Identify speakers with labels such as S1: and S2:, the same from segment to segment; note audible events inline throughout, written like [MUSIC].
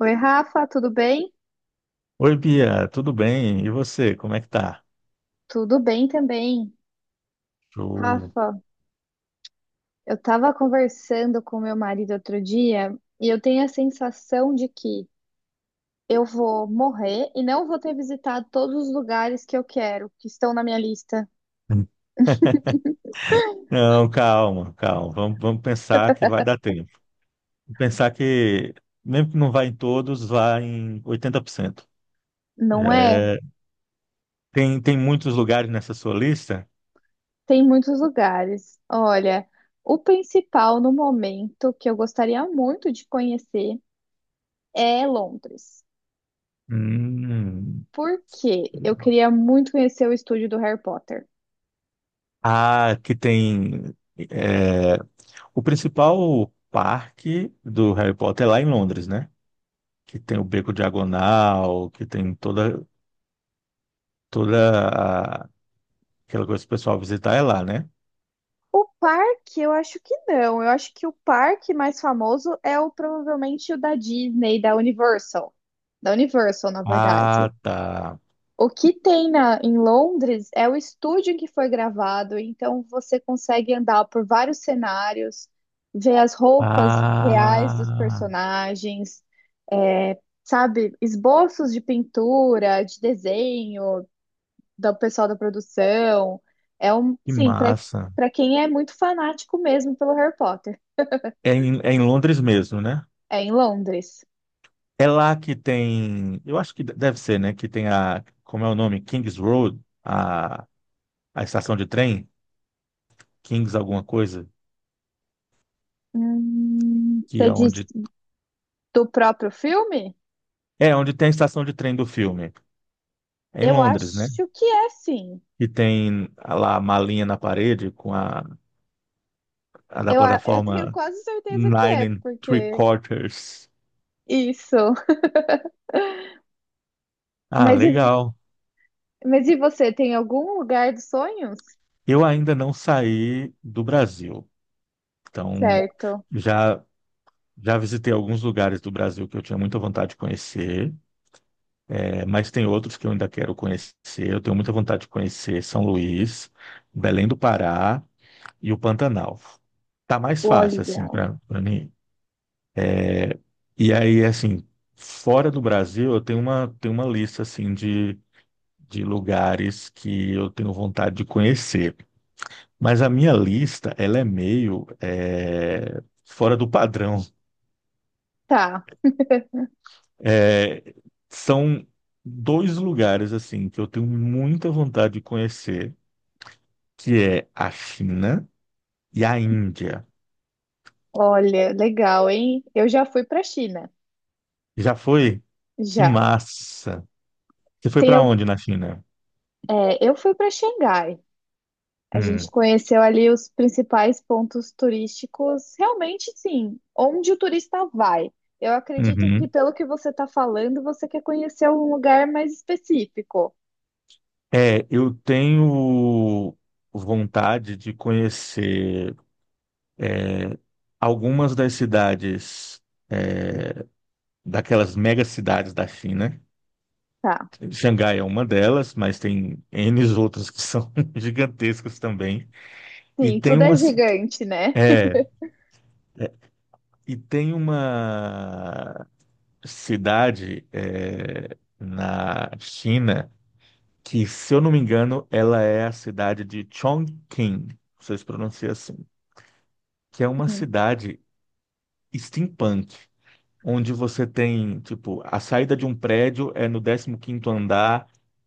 S1: Oi, Rafa, tudo bem?
S2: Oi, Bia, tudo bem? E você, como é que tá?
S1: Tudo bem também.
S2: Show.
S1: Rafa, eu estava conversando com meu marido outro dia e eu tenho a sensação de que eu vou morrer e não vou ter visitado todos os lugares que eu quero, que estão na minha lista.
S2: Não, calma, calma. Vamos pensar que vai dar tempo. Pensar que, mesmo que não vá em todos, vá em 80%. Já
S1: Não é?
S2: é. Tem muitos lugares nessa sua lista?
S1: Tem muitos lugares. Olha, o principal no momento que eu gostaria muito de conhecer é Londres.
S2: Hum.
S1: Porque eu queria muito conhecer o estúdio do Harry Potter.
S2: Ah, que tem. é, o principal parque do Harry Potter é lá em Londres, né? Que tem o Beco Diagonal, que tem toda, toda a- aquela coisa que o pessoal visitar é lá, né?
S1: O parque, eu acho que não. Eu acho que o parque mais famoso é o provavelmente o da Disney, da Universal. Da Universal, na verdade.
S2: Ah, tá.
S1: O que tem na, em Londres é o estúdio em que foi gravado, então você consegue andar por vários cenários, ver as roupas reais dos
S2: Ah,
S1: personagens, é, sabe, esboços de pintura, de desenho, do pessoal da produção. É um,
S2: que
S1: sim, para
S2: massa.
S1: quem é muito fanático mesmo pelo Harry Potter.
S2: É em Londres mesmo, né?
S1: É em Londres.
S2: É lá que tem, eu acho que deve ser, né? Que tem a, como é o nome? Kings Road, a estação de trem, Kings alguma coisa, que
S1: Você
S2: é onde,
S1: disse do próprio filme?
S2: é onde tem a estação de trem do filme. É em
S1: Eu
S2: Londres, né?
S1: acho que é, sim.
S2: E tem lá a malinha na parede com a da
S1: Eu tenho
S2: plataforma
S1: quase certeza que
S2: Nine
S1: é,
S2: and Three
S1: porque
S2: Quarters.
S1: isso.
S2: Ah,
S1: Mas e, vo-
S2: legal.
S1: mas e você, tem algum lugar dos sonhos?
S2: Eu ainda não saí do Brasil. Então,
S1: Certo.
S2: já já visitei alguns lugares do Brasil que eu tinha muita vontade de conhecer, mas tem outros que eu ainda quero conhecer. Eu tenho muita vontade de conhecer São Luís, Belém do Pará e o Pantanal. Tá mais fácil assim
S1: Olha.
S2: para mim. E aí, assim, fora do Brasil, eu tenho uma lista assim de lugares que eu tenho vontade de conhecer. Mas a minha lista, ela é meio fora do padrão.
S1: Tá.
S2: É, são dois lugares assim que eu tenho muita vontade de conhecer, que é a China e a Índia.
S1: Olha, legal, hein? Eu já fui pra China.
S2: Já foi? Que
S1: Já.
S2: massa! Você foi
S1: Tem,
S2: para
S1: al-
S2: onde na China?
S1: eu fui pra Xangai. A gente
S2: Hum,
S1: conheceu ali os principais pontos turísticos, realmente sim, onde o turista vai. Eu acredito que
S2: uhum.
S1: pelo que você está falando, você quer conhecer um lugar mais específico.
S2: É, eu tenho vontade de conhecer algumas das cidades, daquelas mega cidades da China.
S1: Tá.
S2: Xangai é uma delas, mas tem N outras que são [LAUGHS] gigantescas também. E
S1: Sim,
S2: tem
S1: tudo é
S2: uma, ci-
S1: gigante, né? [LAUGHS]
S2: é, E tem uma cidade na China que, se eu não me engano, ela é a cidade de Chongqing, não sei se pronuncia assim, que é uma
S1: Uhum.
S2: cidade steampunk onde você tem, tipo, a saída de um prédio é no 15º andar,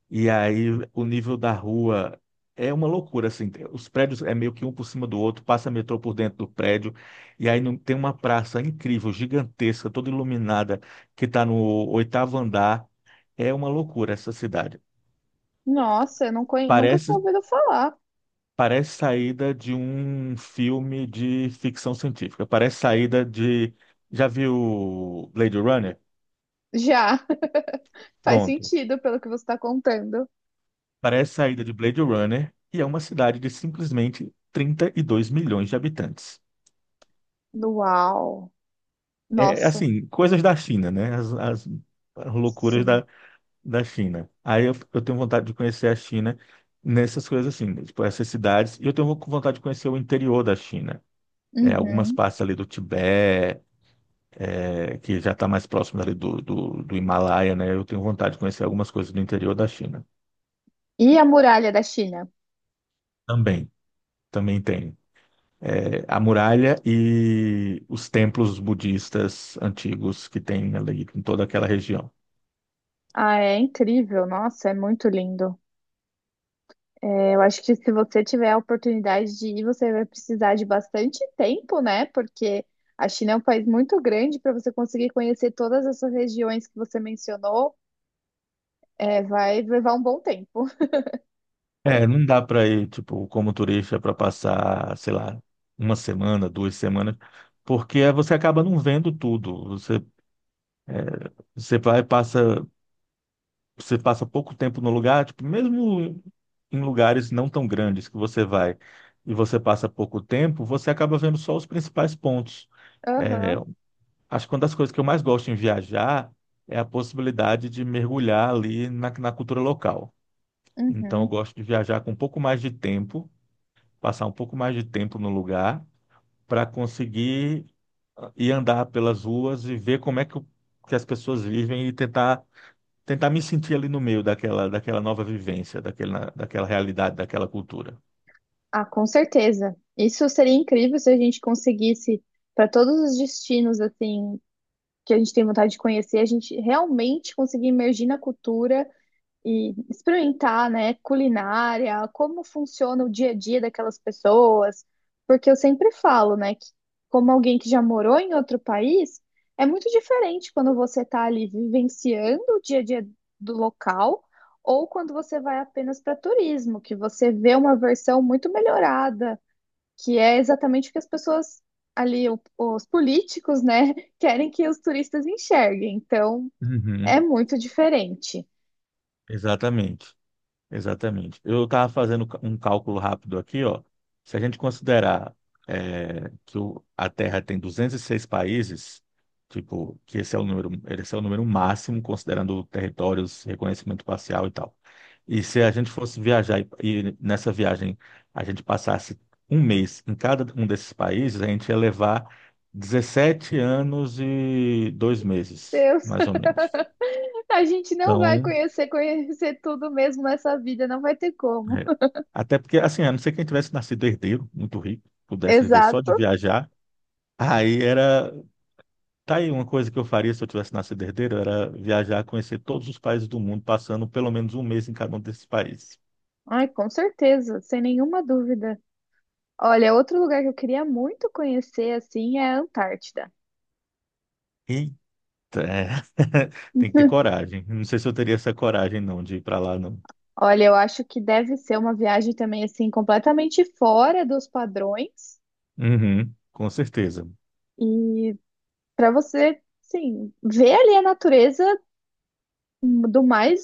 S2: e aí o nível da rua é uma loucura, assim, os prédios é meio que um por cima do outro, passa metrô por dentro do prédio, e aí não, tem uma praça incrível, gigantesca, toda iluminada, que está no oitavo andar, é uma loucura essa cidade.
S1: Nossa, eu não conhe- nunca
S2: Parece,
S1: tinha ouvido falar.
S2: parece saída de um filme de ficção científica, parece saída de... Já viu Blade Runner?
S1: Já [LAUGHS] faz
S2: Pronto.
S1: sentido pelo que você está contando.
S2: Parece saída de Blade Runner e é uma cidade de simplesmente 32 milhões de habitantes.
S1: Uau!
S2: É
S1: Nossa,
S2: assim, coisas da China, né? As loucuras
S1: sim.
S2: da China. Aí eu tenho vontade de conhecer a China nessas coisas assim, né? Tipo essas cidades. E eu tenho vontade de conhecer o interior da China. É, algumas
S1: Uhum.
S2: partes ali do Tibete, que já está mais próximo ali do Himalaia, né? Eu tenho vontade de conhecer algumas coisas do interior da China.
S1: E a muralha da China?
S2: Também, também tem a muralha e os templos budistas antigos que tem ali em toda aquela região.
S1: Ah, é incrível. Nossa, é muito lindo. É, eu acho que se você tiver a oportunidade de ir, você vai precisar de bastante tempo, né? Porque a China é um país muito grande para você conseguir conhecer todas essas regiões que você mencionou, é, vai levar um bom tempo.
S2: É, não dá para ir, tipo, como turista para passar, sei lá, uma semana, duas semanas, porque você acaba não vendo tudo. Você vai, passa você passa pouco tempo no lugar, tipo, mesmo em lugares não tão grandes que você vai e você passa pouco tempo, você acaba vendo só os principais pontos.
S1: [LAUGHS]
S2: É,
S1: Aham,
S2: acho que uma das coisas que eu mais gosto em viajar é a possibilidade de mergulhar ali na cultura local. Então, eu
S1: uhum.
S2: gosto de viajar com um pouco mais de tempo, passar um pouco mais de tempo no lugar, para conseguir ir andar pelas ruas e ver como é que, que as pessoas vivem e tentar me sentir ali no meio daquela nova vivência, daquela realidade, daquela cultura.
S1: Ah, com certeza. Isso seria incrível se a gente conseguisse, para todos os destinos assim que a gente tem vontade de conhecer, a gente realmente conseguir imergir na cultura e experimentar, né, culinária, como funciona o dia a dia daquelas pessoas, porque eu sempre falo, né, que como alguém que já morou em outro país, é muito diferente quando você está ali vivenciando o dia a dia do local ou quando você vai apenas para turismo, que você vê uma versão muito melhorada, que é exatamente o que as pessoas ali, os políticos, né, [LAUGHS] querem que os turistas enxerguem. Então, é
S2: Uhum,
S1: muito diferente.
S2: exatamente. Exatamente. Eu estava fazendo um cálculo rápido aqui, ó. Se a gente considerar que a Terra tem 206 países, tipo, que esse é o número máximo, considerando territórios, reconhecimento parcial e tal. E se a gente fosse viajar e nessa viagem a gente passasse um mês em cada um desses países, a gente ia levar 17 anos e 2 meses,
S1: Eu
S2: mais ou menos.
S1: A gente não vai
S2: Então.
S1: conhecer tudo mesmo nessa vida, não vai ter como.
S2: É. Até porque, assim, a não ser quem tivesse nascido herdeiro, muito rico,
S1: [LAUGHS]
S2: pudesse viver só de
S1: Exato.
S2: viajar, aí era. Tá aí uma coisa que eu faria se eu tivesse nascido herdeiro, era viajar, conhecer todos os países do mundo, passando pelo menos um mês em cada um desses países.
S1: Ai, com certeza, sem nenhuma dúvida. Olha, outro lugar que eu queria muito conhecer, assim, é a Antártida.
S2: Eita, é. [LAUGHS] Tem que ter
S1: [LAUGHS]
S2: coragem. Não sei se eu teria essa coragem, não, de ir para lá, não.
S1: Olha, eu acho que deve ser uma viagem também, assim, completamente fora dos padrões.
S2: Uhum, com certeza.
S1: E para você, sim, ver ali a natureza do mais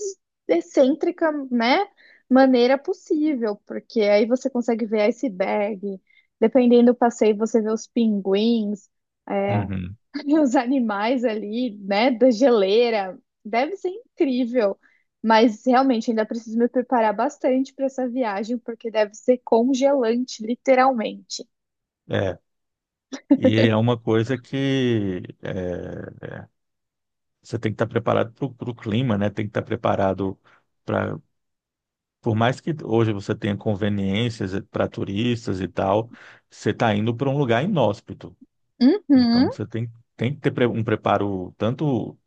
S1: excêntrica, né, maneira possível, porque aí você consegue ver iceberg, dependendo do passeio, você vê os pinguins, é,
S2: Uhum.
S1: [LAUGHS] os animais ali, né, da geleira. Deve ser incrível, mas realmente ainda preciso me preparar bastante para essa viagem, porque deve ser congelante, literalmente.
S2: É. E é uma coisa que é, você tem que estar preparado para o clima, né? Tem que estar preparado. Por mais que hoje você tenha conveniências para turistas e tal, você está indo para um lugar inóspito.
S1: Uhum,
S2: Então você tem, tem que ter um preparo tanto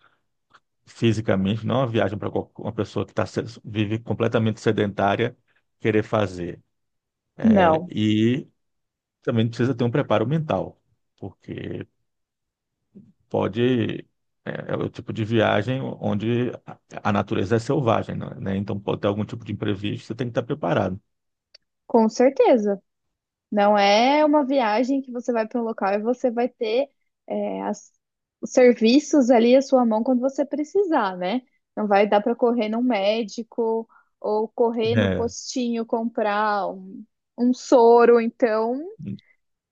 S2: fisicamente, não é uma viagem para uma pessoa que tá, vive completamente sedentária querer fazer. É,
S1: não,
S2: e também precisa ter um preparo mental, porque pode. É, é o tipo de viagem onde a natureza é selvagem, né? Então pode ter algum tipo de imprevisto, você tem que estar preparado.
S1: com certeza. Não é uma viagem que você vai para um local e você vai ter é, as- os serviços ali à sua mão quando você precisar, né? Não vai dar para correr num médico ou correr no
S2: É.
S1: postinho um soro. Então,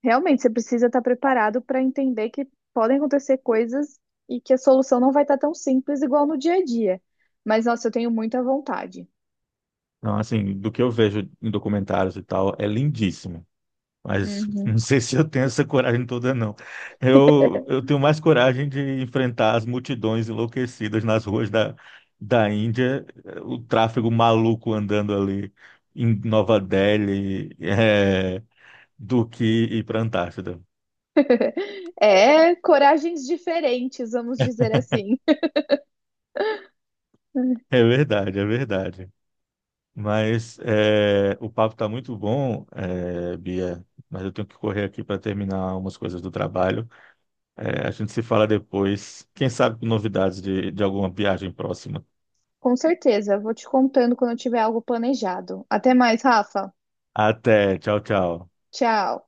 S1: realmente, você precisa estar preparado para entender que podem acontecer coisas e que a solução não vai estar tão simples igual no dia a dia. Mas, nossa, eu tenho muita vontade.
S2: Não, assim, do que eu vejo em documentários e tal, é lindíssimo. Mas [LAUGHS] não
S1: Uhum.
S2: sei se eu tenho essa coragem toda, não. Eu tenho mais coragem de enfrentar as multidões enlouquecidas nas ruas da Índia, o tráfego maluco andando ali em Nova Delhi, do que ir para a Antártida.
S1: É coragens diferentes, vamos dizer assim. [LAUGHS]
S2: É verdade, é verdade. Mas o papo está muito bom, Bia, mas eu tenho que correr aqui para terminar umas coisas do trabalho. A gente se fala depois. Quem sabe com novidades de alguma viagem próxima.
S1: Com certeza, vou te contando quando eu tiver algo planejado. Até mais, Rafa.
S2: Até, tchau, tchau.
S1: Tchau.